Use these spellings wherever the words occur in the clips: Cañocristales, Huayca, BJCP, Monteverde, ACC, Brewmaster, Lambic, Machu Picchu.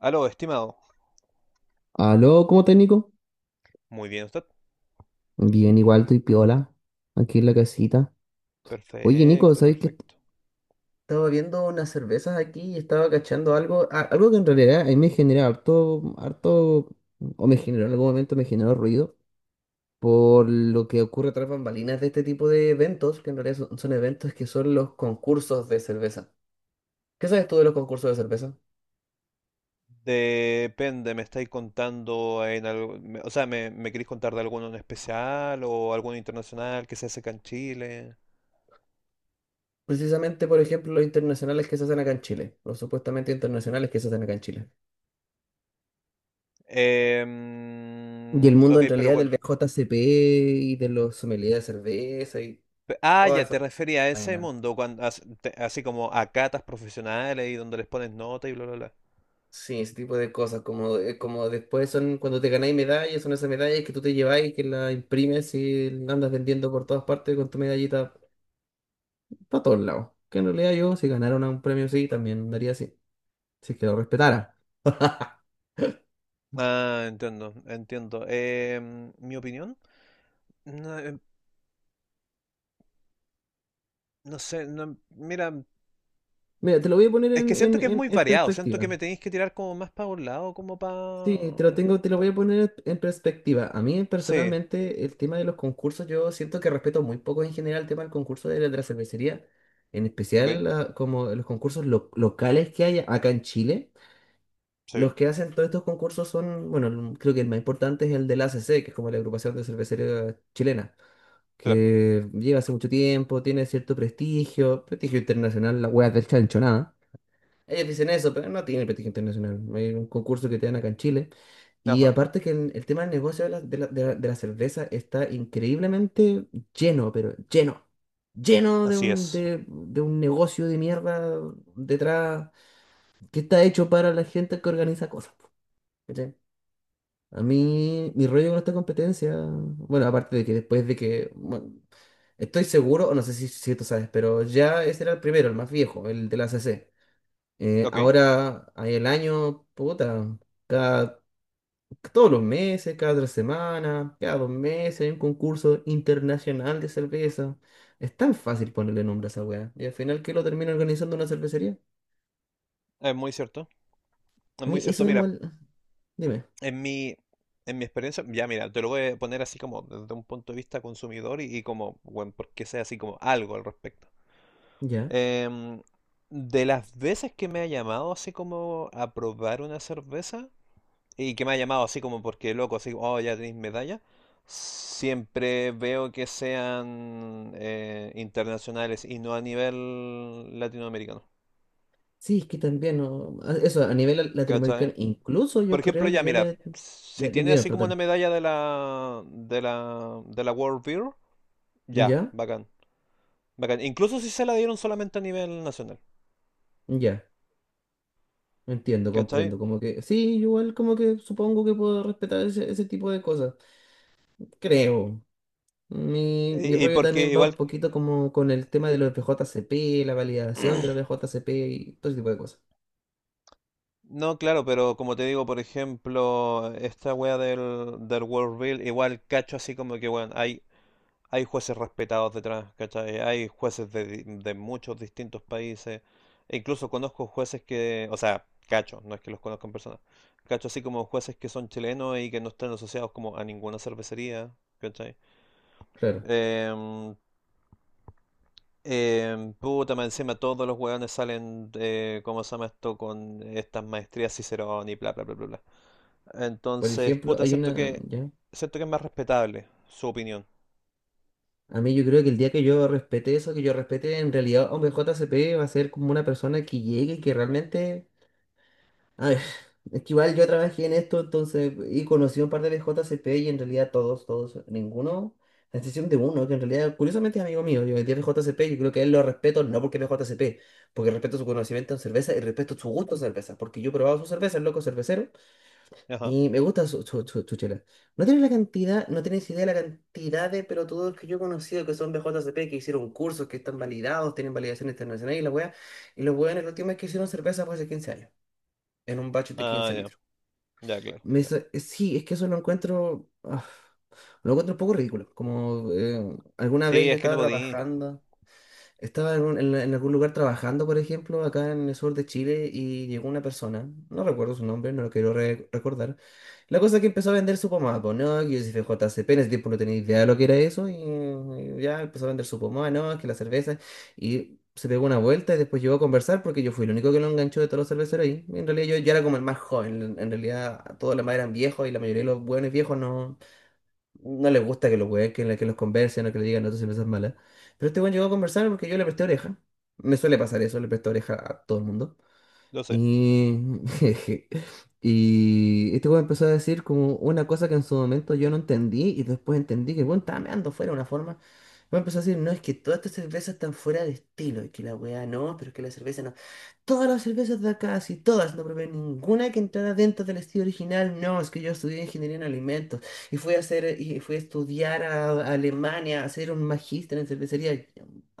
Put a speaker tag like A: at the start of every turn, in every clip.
A: Aló, estimado.
B: Aló, ¿cómo estás, Nico?
A: Muy bien, usted.
B: Bien, igual estoy piola, aquí en la casita. Oye, Nico,
A: Perfecto,
B: ¿sabes qué?
A: perfecto.
B: Estaba viendo unas cervezas aquí y estaba cachando algo, algo que en realidad a mí me genera harto, harto, o me generó en algún momento, me generó ruido por lo que ocurre tras bambalinas de este tipo de eventos, que en realidad son eventos que son los concursos de cerveza. ¿Qué sabes tú de los concursos de cerveza?
A: Depende, ¿me estáis contando en algo? O sea, ¿me queréis contar de alguno en especial o alguno internacional que se hace acá en Chile?
B: Precisamente, por ejemplo, los internacionales que se hacen acá en Chile, los supuestamente internacionales que se hacen acá en Chile. Y el mundo
A: Ok,
B: en
A: pero
B: realidad del BJCP y de los sommeliers de cerveza y
A: ah,
B: toda
A: ya,
B: esa
A: te refería a ese
B: vaina.
A: mundo, cuando, así como a catas profesionales y donde les pones nota y bla, bla, bla.
B: Sí, ese tipo de cosas, como después son cuando te ganáis medallas, son esas medallas que tú te lleváis, que las imprimes y andas vendiendo por todas partes con tu medallita para todos lados. Que en realidad yo, si ganara un premio así, también daría así, si es que lo respetara.
A: Ah, entiendo, entiendo. ¿Mi opinión? No, no sé, no, mira,
B: Mira, te lo voy a poner
A: es que
B: en,
A: siento
B: en,
A: que es
B: en
A: muy
B: en
A: variado, siento que
B: perspectiva.
A: me tenéis que tirar como más para un lado, como
B: Sí, te lo
A: para...
B: tengo, te lo voy a poner en perspectiva. A mí
A: Sí,
B: personalmente el tema de los concursos, yo siento que respeto muy poco en general el tema del concurso de la cervecería, en
A: ok,
B: especial como los concursos locales que hay acá en Chile.
A: sí,
B: Los que hacen todos estos concursos son, bueno, creo que el más importante es el del ACC, que es como la agrupación de cervecería chilena,
A: claro,
B: que lleva hace mucho tiempo, tiene cierto prestigio, prestigio internacional, la hueá del chancho, nada. Ellos dicen eso, pero no tienen prestigio internacional. Hay un concurso que te dan acá en Chile. Y
A: ajá,
B: aparte que el tema del negocio de la cerveza está increíblemente lleno, pero lleno. Lleno de
A: así
B: un,
A: es,
B: de, de un negocio de mierda detrás que está hecho para la gente que organiza cosas, po, ¿cachai? A mí, mi rollo con esta competencia, bueno, aparte de que después de que, bueno, estoy seguro, o no sé si tú sabes, pero ya ese era el primero, el más viejo, el de la A C. C. Eh,
A: ok,
B: ahora hay el año, puta, cada, todos los meses, cada tres semanas, cada dos meses hay un concurso internacional de cerveza. Es tan fácil ponerle nombre a esa weá. Y al final, ¿qué lo termina organizando una cervecería?
A: es muy cierto, es
B: A
A: muy
B: mí eso
A: cierto,
B: me
A: mira,
B: molesta. Dime,
A: en mi, en mi experiencia, ya mira, te lo voy a poner así como desde un punto de vista consumidor y, como, bueno, porque sea así como algo al respecto.
B: ¿ya?
A: Em, de las veces que me ha llamado así como a probar una cerveza, y que me ha llamado así como porque loco, así, oh, ya tenéis medalla. Siempre veo que sean internacionales y no a nivel latinoamericano.
B: Sí, es que también, no, eso, a nivel
A: ¿Cachai?
B: latinoamericano, incluso
A: Por
B: yo
A: ejemplo,
B: creo
A: ya
B: que yo
A: mira,
B: le...
A: si
B: Ya, dime,
A: tiene
B: dime,
A: así como una
B: perdón.
A: medalla de la World Beer, ya,
B: ¿Ya?
A: bacán, bacán. Incluso si se la dieron solamente a nivel nacional,
B: Ya. Entiendo,
A: ¿cachai?
B: comprendo. Como que, sí, igual como que supongo que puedo respetar ese tipo de cosas. Creo. Mi
A: Y,
B: rollo
A: porque
B: también va un
A: igual
B: poquito como con el tema de
A: eh,
B: los BJCP, la validación de los BJCP y todo ese tipo de cosas.
A: no, claro, pero como te digo, por ejemplo, esta wea del World Beer, igual cacho así como que, bueno, hay hay jueces respetados detrás, ¿cachai? Hay jueces de muchos distintos países. E incluso conozco jueces que, o sea, cacho, no es que los conozcan en persona. Cacho así como jueces que son chilenos y que no están asociados como a ninguna cervecería, ¿cachai?
B: Claro.
A: Em, Puta, más encima todos los hueones salen, ¿cómo se llama esto? Con estas maestrías Cicerón y bla, bla, bla, bla, bla.
B: Por
A: Entonces,
B: ejemplo,
A: puta,
B: hay una. Ya.
A: siento que es más respetable su opinión.
B: A mí yo creo que el día que yo respete eso, que yo respete en realidad a un BJCP, va a ser como una persona que llegue y que realmente. A ver, es que igual yo trabajé en esto, entonces, y conocí un par de BJCP y en realidad todos, ninguno, a excepción de uno, que en realidad, curiosamente es amigo mío, yo metí a BJCP, yo creo que a él lo respeto, no porque es BJCP, porque respeto su conocimiento en cerveza y respeto su gusto en cerveza, porque yo he probado su cerveza, el loco es cervecero,
A: Ajá.
B: y me gusta su chela. No tienes la cantidad, no tienes idea de la cantidad de pelotudos que yo he conocido que son BJCP, que hicieron cursos, que están validados, tienen validación internacional y la wea, y los weones la última vez que hicieron cerveza fue hace 15 años, en un batch de
A: Ah,
B: 15
A: ya,
B: litros.
A: ya, claro,
B: Me
A: ya.
B: dice, sí, es que eso lo encuentro un poco ridículo. Como alguna vez
A: Sí,
B: yo
A: es que no
B: estaba
A: podía.
B: trabajando. Estaba en, un- en algún lugar trabajando, por ejemplo, acá en el sur de Chile y llegó una persona, no recuerdo su nombre, no lo quiero recordar. La cosa es que empezó a vender su pomada, pues, no, que yo soy FJCP, en ese tiempo no tenía idea de lo que era eso y ya empezó a vender su pomada, no, es que la cerveza y se pegó una vuelta y después llegó a conversar porque yo fui el único que lo enganchó de todos los cerveceros ahí. En realidad yo era como el más joven, en realidad todos los demás eran viejos y la mayoría de los buenos viejos no, no le gusta que los weón, que los conversen o que le digan, no, tú si no seas mala. Pero este weón llegó a conversar porque yo le presté oreja. Me suele pasar eso, le presto oreja a todo el mundo.
A: Lo sé.
B: Y, y este weón empezó a decir como una cosa que en su momento yo no entendí y después entendí que el weón estaba meando fuera de una forma. El weón empezó a decir, no, es que todas estas cervezas están fuera de estilo y que la weá no, pero es que la cerveza no. Todas las cervezas de acá, si todas, no probé ninguna que entrara dentro del estilo original, no, es que yo estudié ingeniería en alimentos y fui a hacer, y fui a estudiar a Alemania, a hacer un magíster en cervecería.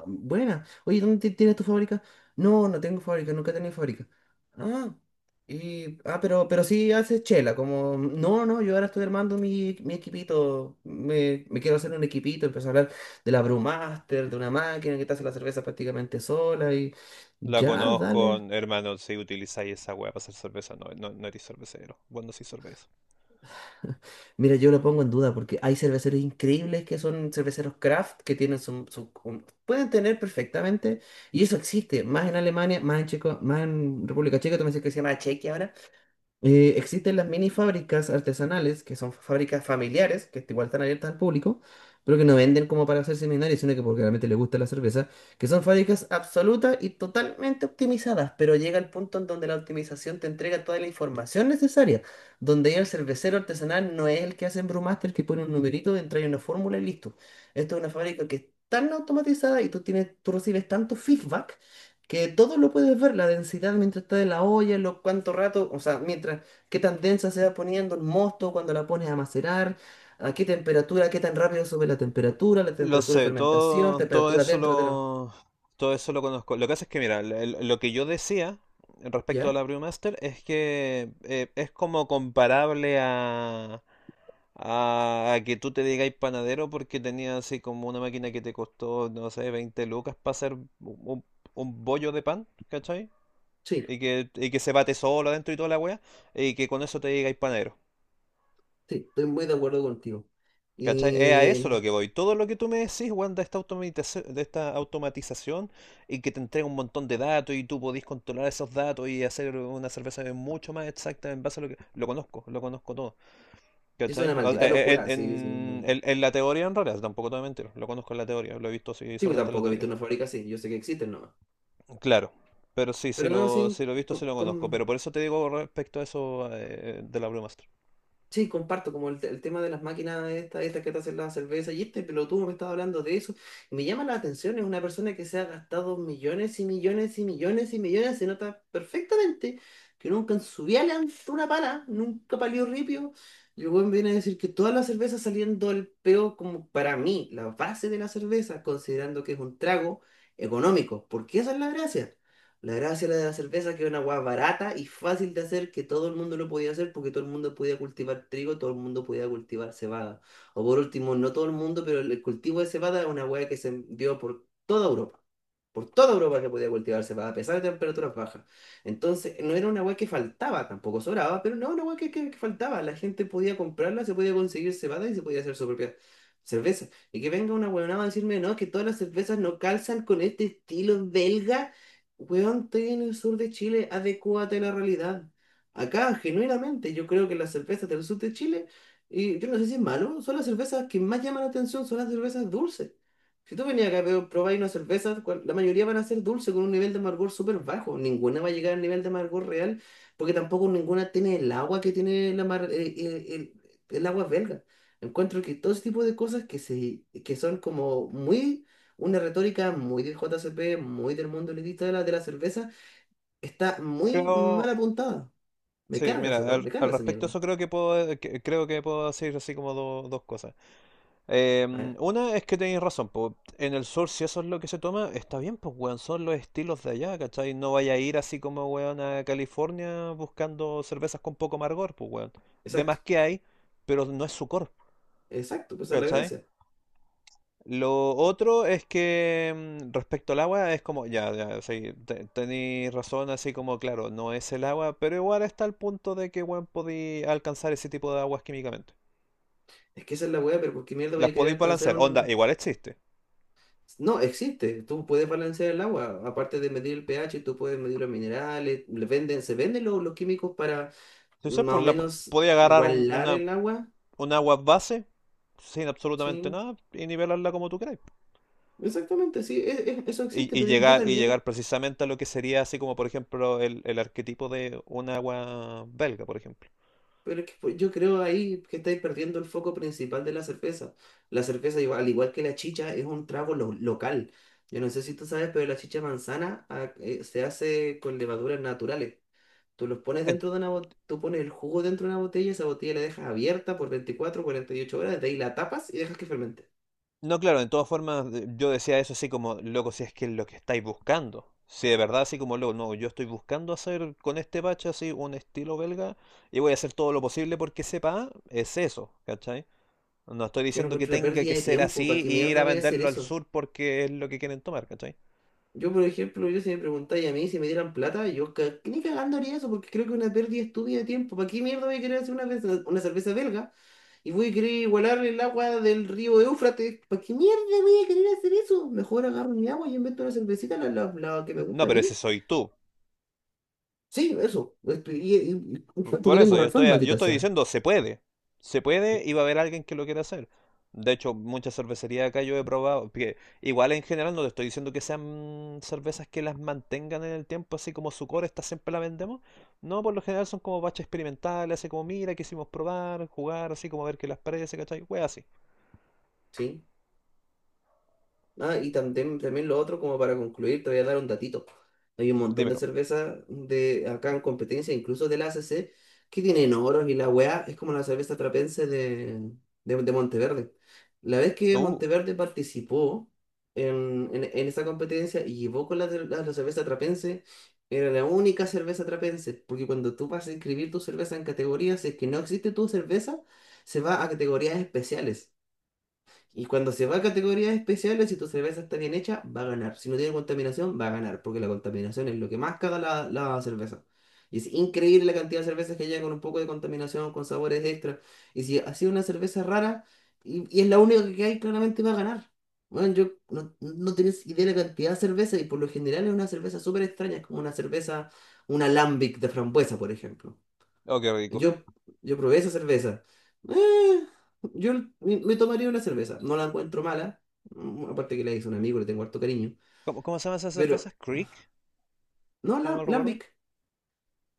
B: Buena. Oye, ¿dónde tienes tu fábrica? No, no tengo fábrica, nunca he tenido fábrica. Ah, y, pero sí haces chela, como, no, no, yo ahora estoy armando mi equipito, me quiero hacer un equipito, empezó a hablar de la Brewmaster, de una máquina que te hace la cerveza prácticamente sola y
A: La
B: ya,
A: conozco,
B: dale.
A: hermano, si utilizáis esa weá para hacer cerveza, no, no, no eres cervecero. Vos no sois cerveza.
B: Mira, yo lo pongo en duda porque hay cerveceros increíbles que son cerveceros craft, que tienen pueden tener perfectamente, y eso existe, más en Alemania, más en Checo, más en República Checa, tú me dices que se llama Chequia ahora. Existen las mini fábricas artesanales, que son fábricas familiares, que igual están abiertas al público, pero que no venden como para hacer seminarios, sino que porque realmente les gusta la cerveza, que son fábricas absolutas y totalmente optimizadas, pero llega el punto en donde la optimización te entrega toda la información necesaria, donde ya el cervecero artesanal no es el que hace en Brewmaster, que pone un numerito, entra en una fórmula y listo. Esto es una fábrica que es tan automatizada y tú tienes, tú recibes tanto feedback que todo lo puedes ver, la densidad mientras está en la olla, lo cuánto rato, o sea, mientras qué tan densa se va poniendo el mosto cuando la pones a macerar, a qué temperatura, qué tan rápido sube la
A: Lo
B: temperatura de
A: sé,
B: fermentación, temperatura dentro de la.
A: todo eso lo conozco. Lo que hace es que, mira, lo que yo decía respecto a la
B: ¿Ya?
A: Brewmaster es que es como comparable a que tú te digáis panadero porque tenías así como una máquina que te costó, no sé, 20 lucas para hacer un bollo de pan, ¿cachai?
B: Sí,
A: Y que se bate solo adentro y toda la wea, y que con eso te digáis panadero.
B: sí, estoy muy de acuerdo contigo.
A: ¿Cachai? Es a eso lo
B: Y
A: que voy. Todo lo que tú me decís, weón, de esta de esta automatización y que te entrega un montón de datos y tú podís controlar esos datos y hacer una cerveza mucho más exacta en base a lo que... lo conozco todo.
B: es
A: ¿Cachai?
B: una maldita locura, sí, sí. No.
A: En la teoría, en realidad, tampoco te voy a mentir. Lo conozco en la teoría, lo he visto así
B: Sí, pues,
A: solamente en la
B: tampoco he visto
A: teoría.
B: una fábrica así, yo sé que existen nomás.
A: Claro. Pero sí,
B: Pero no, sí,
A: si lo he visto, sí
B: con,
A: lo conozco. Pero
B: con-
A: por eso te digo respecto a eso de la Brewmaster.
B: sí, comparto como el tema de las máquinas estas que te hacen la cerveza y este pelotudo me estaba hablando de eso. Y me llama la atención, es una persona que se ha gastado millones y millones y millones y millones, se nota perfectamente que nunca en su vida le han dado una pala, nunca palió ripio. Y el weón viene a decir que todas las cervezas saliendo del peo, como para mí, la base de la cerveza, considerando que es un trago económico, porque esa es la gracia. La gracia de la cerveza que era una hueá barata y fácil de hacer, que todo el mundo lo podía hacer porque todo el mundo podía cultivar trigo, todo el mundo podía cultivar cebada. O por último, no todo el mundo, pero el cultivo de cebada es una hueá que se dio por toda Europa. Por toda Europa se podía cultivar cebada, a pesar de temperaturas bajas. Entonces, no era una hueá que faltaba, tampoco sobraba, pero no, una hueá que faltaba. La gente podía comprarla, se podía conseguir cebada y se podía hacer su propia cerveza. Y que venga una huevonada a decirme, no, es que todas las cervezas no calzan con este estilo belga. Weón, estoy en el sur de Chile, adecúate a la realidad. Acá, genuinamente, yo creo que las cervezas del sur de Chile, y yo no sé si es malo, son las cervezas que más llaman la atención, son las cervezas dulces. Si tú venías acá a probar unas cervezas, la mayoría van a ser dulces con un nivel de amargor súper bajo. Ninguna va a llegar al nivel de amargor real, porque tampoco ninguna tiene el agua que tiene la mar- el agua belga. Encuentro que todo ese tipo de cosas que son como muy una retórica muy del JCP, muy del mundo elitista de la cerveza, está muy mal
A: Creo,
B: apuntada. Me
A: sí,
B: carga esa
A: mira,
B: weá, me carga
A: al
B: esa
A: respecto a
B: mierda.
A: eso creo que puedo, creo que puedo decir así como dos cosas.
B: A ver,
A: Una es que tenéis razón, po, en el sur si eso es lo que se toma, está bien, pues weón, son los estilos de allá, ¿cachai? No vaya a ir así como weón a California buscando cervezas con poco amargor, pues weón. De
B: exacto,
A: más que hay, pero no es su core,
B: exacto, pues esa es la
A: ¿cachai?
B: gracia.
A: Lo otro es que respecto al agua es como, ya, ya, sí, tenéis razón, así como, claro, no es el agua, pero igual está el punto de que, bueno, podéis alcanzar ese tipo de aguas químicamente.
B: Es que esa es la weá, pero ¿por qué mierda
A: Las
B: vaya a querer
A: podéis
B: alcanzar
A: balancear, onda,
B: un...
A: igual existe.
B: No, existe, tú puedes balancear el agua, aparte de medir el pH, tú puedes medir los minerales, le venden, se venden los químicos para
A: Entonces,
B: más o menos
A: podéis agarrar
B: igualar el agua,
A: un agua base sin absolutamente
B: sí.
A: nada y nivelarla como tú queráis.
B: Exactamente, sí, eso
A: Y,
B: existe, pero yo
A: y
B: también.
A: llegar precisamente a lo que sería así como, por ejemplo, el arquetipo de un agua belga, por ejemplo.
B: Pero es que pues, yo creo ahí que estáis perdiendo el foco principal de la cerveza. La cerveza, al igual que la chicha, es un trago local. Yo no sé si tú sabes, pero la chicha manzana se hace con levaduras naturales. Tú pones el jugo dentro de una botella, esa botella la dejas abierta por 24, 48 horas, de ahí la tapas y dejas que fermente.
A: No, claro, de todas formas yo decía eso así como, loco, si es que es lo que estáis buscando. Si de verdad así como, loco, no, yo estoy buscando hacer con este bache así un estilo belga y voy a hacer todo lo posible porque sepa, es eso, ¿cachai? No estoy
B: Que yo no
A: diciendo que
B: encuentro una
A: tenga
B: pérdida
A: que
B: de
A: ser
B: tiempo, ¿para
A: así
B: qué
A: y ir
B: mierda
A: a
B: voy a hacer
A: venderlo al
B: eso?
A: sur porque es lo que quieren tomar, ¿cachai?
B: Yo, por ejemplo, yo si me preguntáis a mí si me dieran plata, ni cagando haría eso porque creo que es una pérdida estúpida de tiempo. ¿Para qué mierda voy a querer hacer una cerveza belga y voy a querer igualar el agua del río Éufrates? ¿Para qué mierda voy a querer hacer eso? Mejor agarro mi agua y invento una cervecita, la que me
A: No,
B: gusta a
A: pero
B: mí.
A: ese soy tú.
B: Sí, eso. Y, y tanto
A: Por
B: que tengo
A: eso,
B: razón,
A: yo
B: maldita
A: estoy
B: sea.
A: diciendo, se puede. Se puede y va a haber alguien que lo quiera hacer. De hecho, muchas cervecerías acá yo he probado, que igual en general no te estoy diciendo que sean cervezas que las mantengan en el tiempo, así como su core, esta siempre la vendemos. No, por lo general son como baches experimentales, así como mira, quisimos probar, jugar, así como ver qué las parece, ¿cachai? Wea así.
B: Sí. Ah, y también, también lo otro, como para concluir, te voy a dar un datito. Hay un montón de
A: Dímelo.
B: cervezas de acá en competencia, incluso de la ACC, que tienen oros y la weá es como la cerveza trapense de Monteverde. La vez que
A: Uh,
B: Monteverde participó en esa competencia y llevó con la cerveza trapense, era la única cerveza trapense, porque cuando tú vas a inscribir tu cerveza en categorías, si es que no existe tu cerveza, se va a categorías especiales. Y cuando se va a categorías especiales, si tu cerveza está bien hecha, va a ganar. Si no tiene contaminación, va a ganar, porque la contaminación es lo que más caga la cerveza. Y es increíble la cantidad de cervezas que llegan con un poco de contaminación, con sabores extra. Y si ha sido una cerveza rara, y es la única que hay, claramente va a ganar. Bueno, yo no, no tenés idea de la cantidad de cerveza, y por lo general es una cerveza súper extraña, es como una cerveza, una alambic de frambuesa, por ejemplo.
A: oh, qué rico.
B: Yo, yo probé esa cerveza. Eh, yo Me tomaría una cerveza. No la encuentro mala. Mm, aparte que la hice un amigo, le tengo harto cariño.
A: ¿Cómo, cómo se llaman esas
B: Pero,
A: cervezas? ¿Creek?
B: no,
A: Si no
B: la,
A: mal recuerdo.
B: Lambic.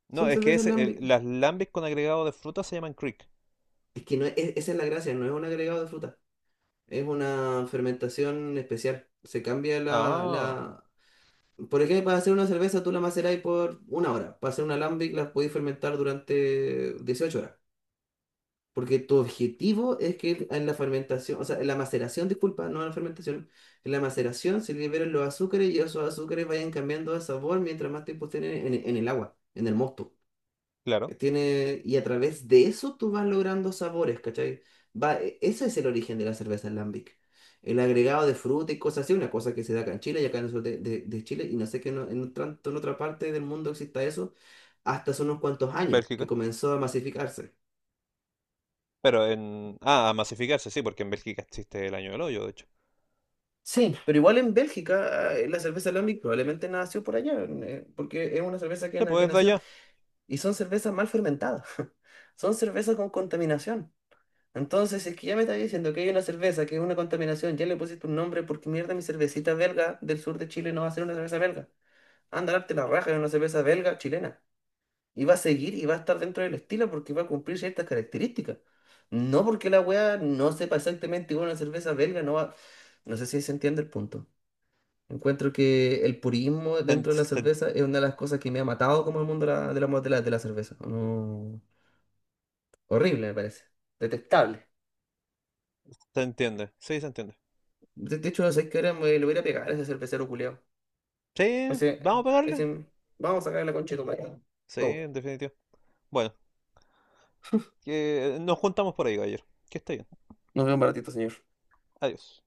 A: No,
B: Son
A: es que
B: cervezas
A: ese,
B: Lambic.
A: las lambics con agregado de fruta se llaman Creek.
B: Es que no es, es- esa es la gracia, no es un agregado de fruta. Es una fermentación especial. Se cambia
A: Ah,
B: la... Por ejemplo, para hacer una cerveza tú la macerás por una hora. Para hacer una Lambic la podéis fermentar durante 18 horas. Porque tu objetivo es que en la fermentación, o sea, en la maceración, disculpa, no en la fermentación, en la maceración se liberen los azúcares y esos azúcares vayan cambiando de sabor mientras más tiempo estén el agua, en el mosto.
A: claro.
B: Tiene, y a través de eso tú vas logrando sabores, ¿cachai? Va, ese es el origen de la cerveza en Lambic. El agregado de fruta y cosas así, una cosa que se da acá en Chile y acá en el sur de Chile, y no sé que en, tanto en otra parte del mundo exista eso, hasta hace unos cuantos años que
A: Bélgica.
B: comenzó a masificarse.
A: Pero en... Ah, a masificarse, sí, porque en Bélgica existe el año del hoyo, de hecho.
B: Sí, pero igual en Bélgica la cerveza Lambic probablemente nació por allá, porque es una cerveza
A: Se
B: que
A: puede desde
B: nació
A: allá.
B: y son cervezas mal fermentadas, son cervezas con contaminación. Entonces, si es que ya me está diciendo que hay una cerveza que es una contaminación, ya le pusiste un nombre porque mierda mi cervecita belga del sur de Chile no va a ser una cerveza belga. Anda, darte la raja de una cerveza belga chilena. Y va a seguir y va a estar dentro del estilo porque va a cumplir ciertas características. No porque la wea no sepa exactamente igual a una cerveza belga, no va... No sé si se entiende el punto. Encuentro que el purismo
A: Se, en-
B: dentro de la
A: se en-
B: cerveza es una de las cosas que me ha matado como el mundo de la cerveza. No, horrible, me parece. Detestable.
A: Se entiende. Sí, se entiende.
B: De hecho, no sé qué hora me lo voy a ir a pegar a ese cervecero culiao.
A: Sí,
B: Ese,
A: vamos a pegarle.
B: ese, vamos a sacar la concha de tu madre.
A: Sí,
B: Go.
A: en definitiva. Bueno, que nos juntamos por ahí, ayer. Que esté bien.
B: Nos vemos un ratito, señor.
A: Adiós.